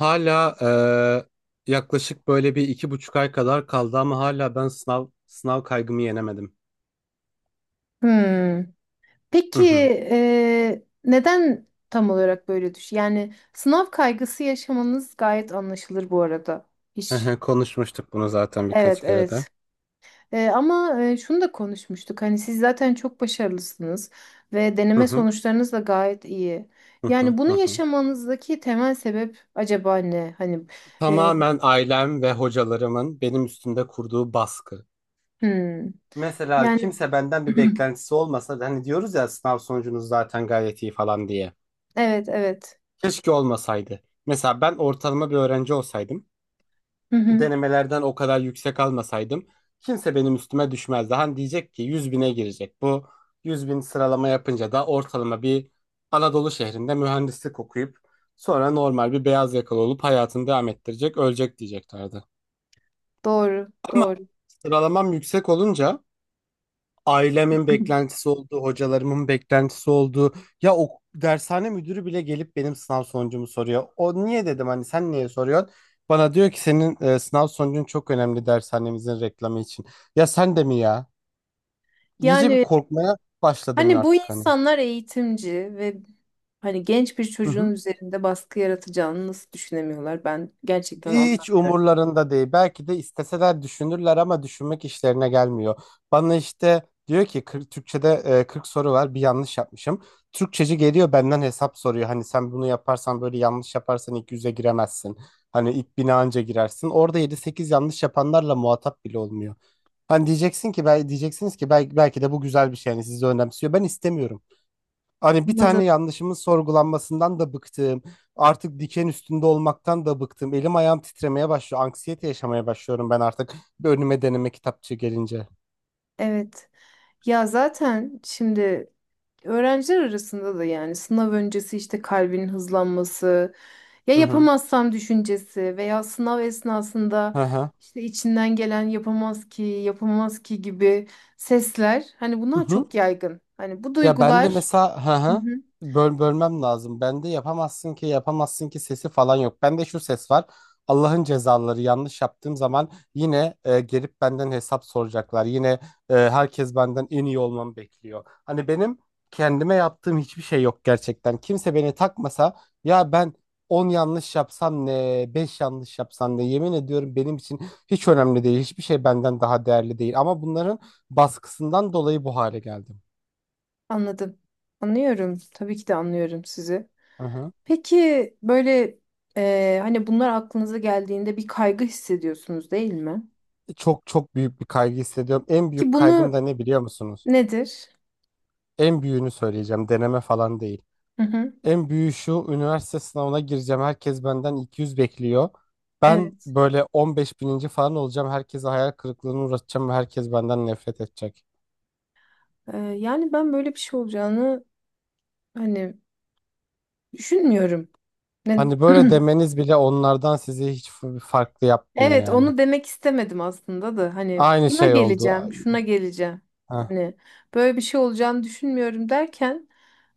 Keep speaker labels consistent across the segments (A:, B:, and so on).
A: Hala yaklaşık böyle bir 2,5 ay kadar kaldı ama hala ben sınav kaygımı yenemedim.
B: Hmm.
A: Hı
B: Peki
A: hı.
B: neden tam olarak böyle düş? Yani sınav kaygısı yaşamanız gayet anlaşılır bu arada.
A: Hı
B: Hiç.
A: hı. Konuşmuştuk bunu zaten birkaç
B: Evet,
A: kere de.
B: evet. Ama şunu da konuşmuştuk. Hani siz zaten çok başarılısınız ve
A: Hı
B: deneme
A: hı.
B: sonuçlarınız da gayet iyi.
A: Hı hı.
B: Yani bunu
A: Hı hı.
B: yaşamanızdaki temel sebep acaba ne? Hani, e,
A: Tamamen ailem ve hocalarımın benim üstümde kurduğu baskı.
B: hmm.
A: Mesela
B: Yani,
A: kimse benden bir beklentisi olmasa da hani diyoruz ya sınav sonucunuz zaten gayet iyi falan diye.
B: evet, evet.
A: Keşke olmasaydı. Mesela ben ortalama bir öğrenci olsaydım,
B: Hı hı.
A: denemelerden o kadar yüksek almasaydım kimse benim üstüme düşmezdi. Hani diyecek ki 100.000'e girecek. Bu 100.000 sıralama yapınca da ortalama bir Anadolu şehrinde mühendislik okuyup sonra normal bir beyaz yakalı olup hayatını devam ettirecek, ölecek diyeceklerdi.
B: Doğru, doğru.
A: Sıralamam yüksek olunca ailemin beklentisi oldu, hocalarımın beklentisi oldu. Ya o dershane müdürü bile gelip benim sınav sonucumu soruyor. O niye dedim, hani sen niye soruyorsun? Bana diyor ki senin sınav sonucun çok önemli dershanemizin reklamı için. Ya sen de mi ya? İyice bir
B: Yani,
A: korkmaya başladım
B: hani bu
A: artık hani.
B: insanlar eğitimci ve hani genç bir çocuğun üzerinde baskı yaratacağını nasıl düşünemiyorlar? Ben gerçekten
A: Hiç
B: anlamıyorum.
A: umurlarında değil. Belki de isteseler düşünürler ama düşünmek işlerine gelmiyor. Bana işte diyor ki 40, Türkçe'de 40 soru var, bir yanlış yapmışım. Türkçeci geliyor benden hesap soruyor. Hani sen bunu yaparsan, böyle yanlış yaparsan ilk 100'e giremezsin. Hani ilk 1.000'e anca girersin. Orada 7-8 yanlış yapanlarla muhatap bile olmuyor. Hani diyeceksin ki diyeceksiniz ki belki, belki de bu güzel bir şey. Yani sizi önemsiyor. Ben istemiyorum. Hani bir
B: Anladım.
A: tane yanlışımın sorgulanmasından da bıktım. Artık diken üstünde olmaktan da bıktım. Elim ayağım titremeye başlıyor. Anksiyete yaşamaya başlıyorum ben artık. Bir önüme deneme kitapçığı gelince.
B: Evet. Ya zaten şimdi öğrenciler arasında da yani sınav öncesi işte kalbin hızlanması, ya
A: Hı hı.
B: yapamazsam düşüncesi veya sınav
A: Hı
B: esnasında
A: hı.
B: işte içinden gelen yapamaz ki, yapamaz ki gibi sesler, hani
A: Hı
B: bunlar
A: hı.
B: çok yaygın. Hani bu
A: Ya ben de
B: duygular.
A: mesela, hı
B: Hı
A: hı,
B: hı.
A: bölmem lazım. Ben de yapamazsın ki, yapamazsın ki sesi falan yok. Ben de şu ses var. Allah'ın cezaları yanlış yaptığım zaman yine gelip benden hesap soracaklar. Yine herkes benden en iyi olmamı bekliyor. Hani benim kendime yaptığım hiçbir şey yok gerçekten. Kimse beni takmasa, ya ben 10 yanlış yapsam ne, 5 yanlış yapsam ne, yemin ediyorum, benim için hiç önemli değil. Hiçbir şey benden daha değerli değil. Ama bunların baskısından dolayı bu hale geldim.
B: Anladım. Anlıyorum, tabii ki de anlıyorum sizi.
A: Hı hı.
B: Peki böyle, hani bunlar aklınıza geldiğinde bir kaygı hissediyorsunuz değil mi?
A: Çok çok büyük bir kaygı hissediyorum. En
B: Ki
A: büyük kaygım
B: bunu,
A: da ne biliyor musunuz?
B: nedir?
A: En büyüğünü söyleyeceğim. Deneme falan değil.
B: Hı hı.
A: En büyüğü şu, üniversite sınavına gireceğim. Herkes benden 200 bekliyor. Ben
B: Evet.
A: böyle 15 bininci falan olacağım. Herkese hayal kırıklığına uğratacağım ve herkes benden nefret edecek.
B: Yani ben böyle bir şey olacağını hani düşünmüyorum. Ne?
A: Hani böyle demeniz bile onlardan sizi hiç farklı yapmıyor
B: Evet,
A: yani.
B: onu demek istemedim aslında da hani
A: Aynı
B: şuna
A: şey oldu.
B: geleceğim, şuna geleceğim.
A: Heh.
B: Hani böyle bir şey olacağını düşünmüyorum derken,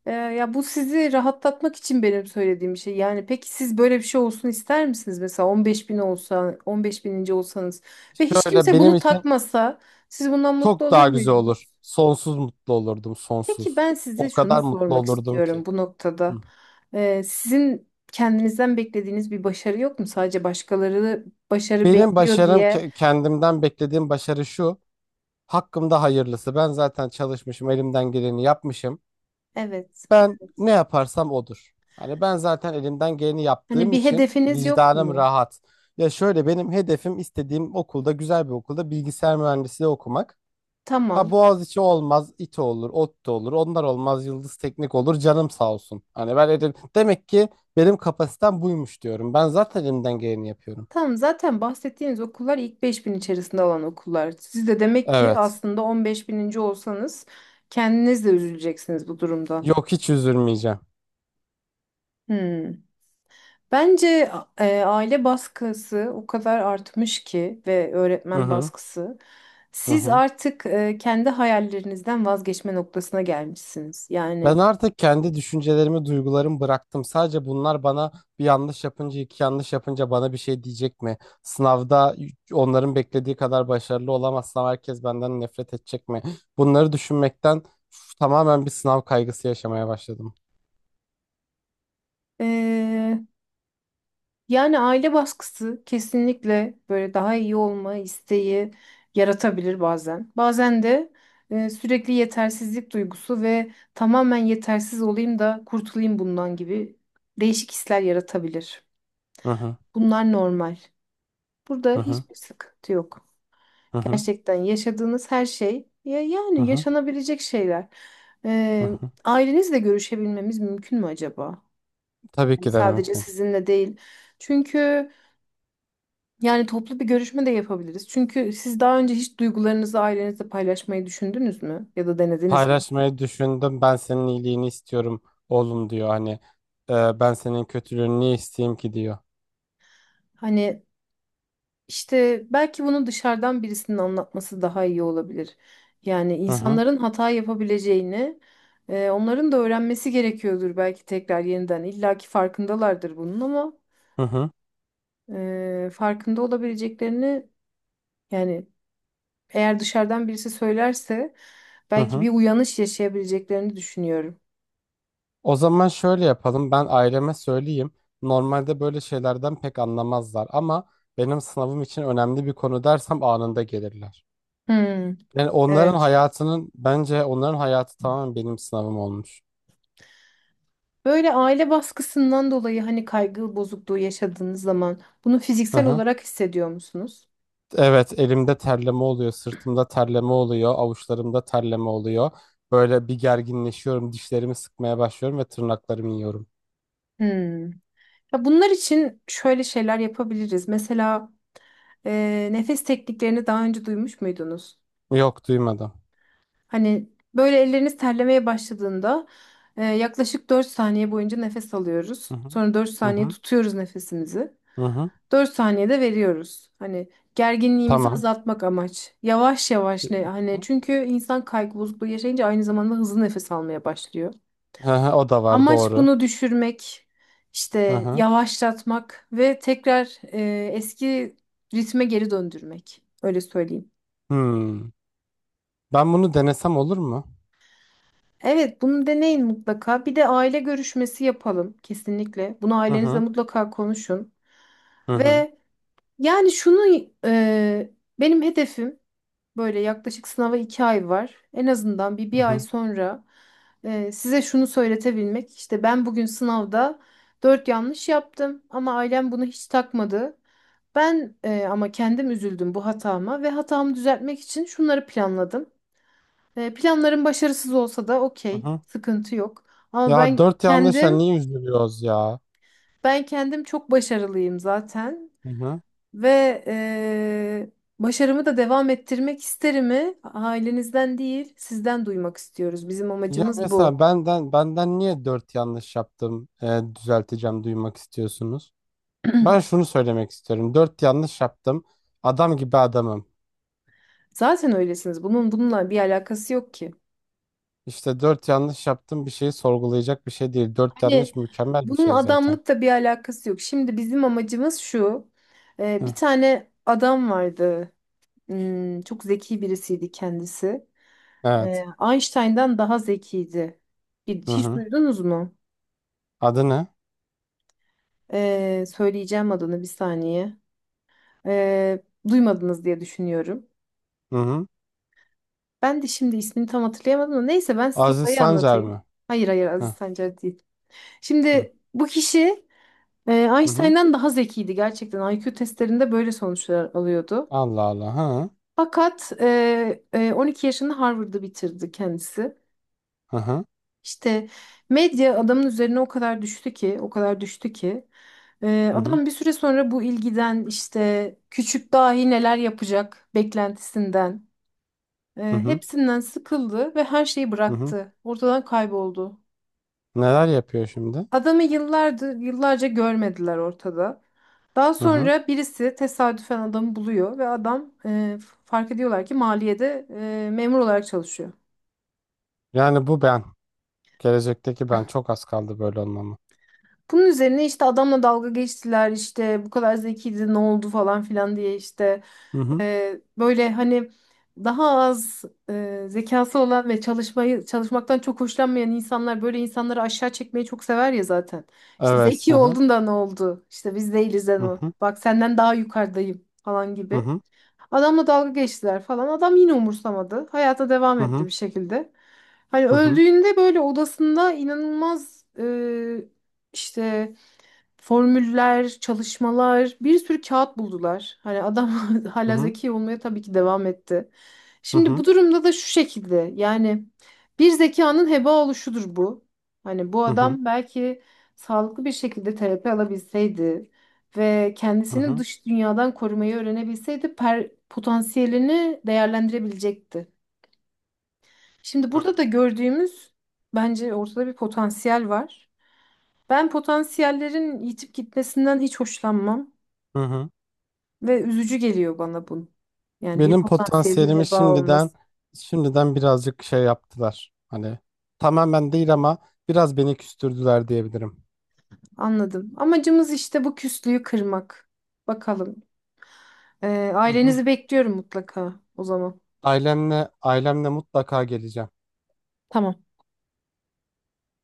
B: ya bu sizi rahatlatmak için benim söylediğim bir şey. Yani peki siz böyle bir şey olsun ister misiniz? Mesela 15.000 olsa, 15.000'inci olsanız ve hiç
A: Şöyle
B: kimse
A: benim
B: bunu
A: için
B: takmasa, siz bundan mutlu
A: çok
B: olur
A: daha güzel
B: muydunuz?
A: olur. Sonsuz mutlu olurdum,
B: Peki
A: sonsuz.
B: ben size
A: O
B: şunu
A: kadar mutlu
B: sormak
A: olurdum ki.
B: istiyorum bu
A: Hı.
B: noktada. Sizin kendinizden beklediğiniz bir başarı yok mu? Sadece başkaları başarı
A: Benim
B: bekliyor
A: başarım,
B: diye.
A: kendimden beklediğim başarı şu. Hakkımda hayırlısı. Ben zaten çalışmışım, elimden geleni yapmışım.
B: Evet.
A: Ben
B: Evet.
A: ne yaparsam odur. Hani ben zaten elimden geleni
B: Hani
A: yaptığım
B: bir
A: için
B: hedefiniz yok
A: vicdanım
B: mu?
A: rahat. Ya şöyle, benim hedefim istediğim okulda, güzel bir okulda bilgisayar mühendisliği okumak. Ha
B: Tamam.
A: Boğaziçi olmaz, İTÜ olur, ODTÜ olur. Onlar olmaz, Yıldız Teknik olur. Canım sağ olsun. Demek ki benim kapasitem buymuş diyorum. Ben zaten elimden geleni yapıyorum.
B: Tamam, zaten bahsettiğiniz okullar ilk 5.000 içerisinde olan okullar. Siz de demek ki
A: Evet.
B: aslında 15.000'inci olsanız, kendiniz de üzüleceksiniz bu durumda.
A: Yok, hiç üzülmeyeceğim.
B: Hmm. Bence aile baskısı o kadar artmış ki, ve
A: Hı
B: öğretmen
A: hı.
B: baskısı.
A: Hı
B: Siz
A: hı.
B: artık kendi hayallerinizden vazgeçme noktasına gelmişsiniz.
A: Ben
B: Yani,
A: artık kendi düşüncelerimi, duygularımı bıraktım. Sadece bunlar bana bir yanlış yapınca, iki yanlış yapınca bana bir şey diyecek mi? Sınavda onların beklediği kadar başarılı olamazsam herkes benden nefret edecek mi? Bunları düşünmekten, üf, tamamen bir sınav kaygısı yaşamaya başladım.
B: e, yani aile baskısı kesinlikle böyle daha iyi olma isteği yaratabilir bazen. Bazen de sürekli yetersizlik duygusu ve tamamen yetersiz olayım da kurtulayım bundan gibi değişik hisler yaratabilir.
A: Hı hı.
B: Bunlar normal. Burada
A: Hı hı.
B: hiçbir sıkıntı yok.
A: Hı hı.
B: Gerçekten yaşadığınız her şey ya
A: Hı
B: yani
A: hı.
B: yaşanabilecek şeyler.
A: Hı
B: E,
A: hı.
B: ailenizle görüşebilmemiz mümkün mü acaba?
A: Tabii
B: Hani
A: ki de
B: sadece
A: mümkün.
B: sizinle değil. Çünkü, yani toplu bir görüşme de yapabiliriz. Çünkü siz daha önce hiç duygularınızı ailenizle paylaşmayı düşündünüz mü? Ya da denediniz mi?
A: Paylaşmayı düşündüm. Ben senin iyiliğini istiyorum oğlum diyor. Hani ben senin kötülüğünü niye isteyeyim ki diyor.
B: Hani işte belki bunu dışarıdan birisinin anlatması daha iyi olabilir. Yani
A: Hı hı.
B: insanların hata yapabileceğini, onların da öğrenmesi gerekiyordur belki tekrar yeniden. İlla ki farkındalardır bunun ama
A: Hı hı.
B: farkında olabileceklerini, yani eğer dışarıdan birisi söylerse
A: Hı
B: belki
A: hı.
B: bir uyanış yaşayabileceklerini düşünüyorum.
A: O zaman şöyle yapalım. Ben aileme söyleyeyim. Normalde böyle şeylerden pek anlamazlar ama benim sınavım için önemli bir konu dersem anında gelirler.
B: Hmm,
A: Yani onların
B: evet.
A: hayatının, bence onların hayatı tamamen benim sınavım olmuş.
B: Böyle aile baskısından dolayı hani kaygı bozukluğu yaşadığınız zaman bunu
A: Hı
B: fiziksel
A: hı.
B: olarak hissediyor musunuz?
A: Evet, elimde terleme oluyor, sırtımda terleme oluyor, avuçlarımda terleme oluyor. Böyle bir gerginleşiyorum, dişlerimi sıkmaya başlıyorum ve tırnaklarımı yiyorum.
B: Hmm. Ya bunlar için şöyle şeyler yapabiliriz. Mesela, nefes tekniklerini daha önce duymuş muydunuz?
A: Yok, duymadım.
B: Hani böyle elleriniz terlemeye başladığında yaklaşık 4 saniye boyunca nefes alıyoruz.
A: Hı hı.
B: Sonra dört
A: Hı
B: saniye
A: hı.
B: tutuyoruz nefesimizi.
A: Hı hı.
B: 4 saniyede veriyoruz. Hani gerginliğimizi
A: Tamam.
B: azaltmak amaç. Yavaş
A: Hı
B: yavaş ne hani,
A: hı.
B: çünkü insan kaygı bozukluğu yaşayınca aynı zamanda hızlı nefes almaya başlıyor.
A: Hı hı, o da var,
B: Amaç
A: doğru.
B: bunu düşürmek,
A: Hı
B: işte
A: hı.
B: yavaşlatmak ve tekrar eski ritme geri döndürmek. Öyle söyleyeyim.
A: Hmm. Ben bunu denesem olur mu?
B: Evet, bunu deneyin mutlaka. Bir de aile görüşmesi yapalım kesinlikle. Bunu
A: Hı
B: ailenizle
A: hı.
B: mutlaka konuşun.
A: Hı hı.
B: Ve yani şunu, benim hedefim. Böyle, yaklaşık sınava 2 ay var. En azından bir
A: Hı
B: bir ay
A: hı.
B: sonra size şunu söyletebilmek. İşte ben bugün sınavda dört yanlış yaptım ama ailem bunu hiç takmadı. Ama kendim üzüldüm bu hatama ve hatamı düzeltmek için şunları planladım. Planlarım başarısız olsa da
A: Hı
B: okey,
A: hı.
B: sıkıntı yok. Ama
A: Ya
B: ben
A: dört yanlış, ya
B: kendim
A: niye üzülüyoruz ya?
B: ben kendim çok başarılıyım zaten.
A: Hı hı.
B: Ve eee, başarımı da devam ettirmek isterimi ailenizden değil, sizden duymak istiyoruz. Bizim
A: Ya
B: amacımız
A: mesela,
B: bu.
A: benden niye dört yanlış yaptım, düzelteceğim duymak istiyorsunuz? Ben şunu söylemek istiyorum. Dört yanlış yaptım. Adam gibi adamım.
B: Zaten öylesiniz. Bunun bununla bir alakası yok ki.
A: İşte dört yanlış yaptım, bir şeyi sorgulayacak bir şey değil. Dört
B: Hani
A: yanlış mükemmel bir
B: bunun
A: şey zaten.
B: adamlıkla bir alakası yok. Şimdi bizim amacımız şu. Eee,
A: Hı.
B: bir tane adam vardı. Hmm, çok zeki birisiydi kendisi.
A: Evet.
B: Eee, Einstein'dan daha zekiydi.
A: Hı
B: Hiç
A: hı.
B: duydunuz mu?
A: Adı ne?
B: Söyleyeceğim adını, bir saniye. Ee, duymadınız diye düşünüyorum.
A: Hı hı.
B: Ben de şimdi ismini tam hatırlayamadım da neyse ben size
A: Aziz
B: olayı
A: Sancar
B: anlatayım.
A: mı?
B: Hayır, hayır, Aziz
A: Hı
B: Sancar değil.
A: hı.
B: Şimdi bu kişi
A: Hı hı.
B: Einstein'dan daha zekiydi gerçekten. IQ testlerinde böyle sonuçlar alıyordu.
A: Allah Allah. Hı.
B: Fakat 12 yaşında Harvard'ı bitirdi kendisi.
A: Hı hı.
B: İşte medya adamın üzerine o kadar düştü ki, o kadar düştü ki
A: Hı hı.
B: adam bir süre sonra bu ilgiden, işte küçük dahi neler yapacak beklentisinden,
A: Hı hı.
B: Hepsinden sıkıldı ve her şeyi
A: Hı hı.
B: bıraktı. Ortadan kayboldu.
A: Neler yapıyor şimdi?
B: Adamı yıllardır, yıllarca görmediler ortada. Daha
A: Hı hı.
B: sonra birisi tesadüfen adamı buluyor ve adam, fark ediyorlar ki maliyede memur olarak çalışıyor.
A: Yani bu ben. Gelecekteki ben. Çok az kaldı böyle olmama.
B: Bunun üzerine işte adamla dalga geçtiler, işte bu kadar zekiydi ne oldu falan filan diye, işte.
A: Hı hı.
B: Böyle hani daha az zekası olan ve çalışmaktan çok hoşlanmayan insanlar böyle insanları aşağı çekmeyi çok sever ya zaten. İşte
A: Evet. Hı
B: zeki
A: hı.
B: oldun da ne oldu? İşte biz değiliz de
A: Hı
B: o.
A: hı.
B: Bak senden daha yukarıdayım falan
A: Hı
B: gibi.
A: hı.
B: Adamla dalga geçtiler falan. Adam yine umursamadı. Hayata devam
A: Hı
B: etti
A: hı.
B: bir şekilde. Hani
A: Hı hı.
B: öldüğünde böyle odasında inanılmaz, işte formüller, çalışmalar, bir sürü kağıt buldular. Hani adam
A: Hı
B: hala
A: hı.
B: zeki olmaya tabii ki devam etti.
A: Hı
B: Şimdi
A: hı.
B: bu durumda da şu şekilde, yani bir zekanın heba oluşudur bu. Hani bu
A: Hı hı.
B: adam belki sağlıklı bir şekilde terapi alabilseydi ve
A: Hı
B: kendisini
A: hı.
B: dış dünyadan korumayı öğrenebilseydi, potansiyelini değerlendirebilecekti. Şimdi burada da gördüğümüz, bence ortada bir potansiyel var. Ben potansiyellerin yitip gitmesinden hiç hoşlanmam
A: Hı hı.
B: ve üzücü geliyor bana bu. Yani bir
A: Benim
B: potansiyelin
A: potansiyelimi
B: heba
A: şimdiden
B: olması.
A: şimdiden birazcık şey yaptılar. Hani tamamen değil ama biraz beni küstürdüler diyebilirim.
B: Anladım. Amacımız işte bu küslüğü kırmak. Bakalım. Ee,
A: Hı hı.
B: ailenizi bekliyorum mutlaka o zaman.
A: Ailemle mutlaka geleceğim.
B: Tamam.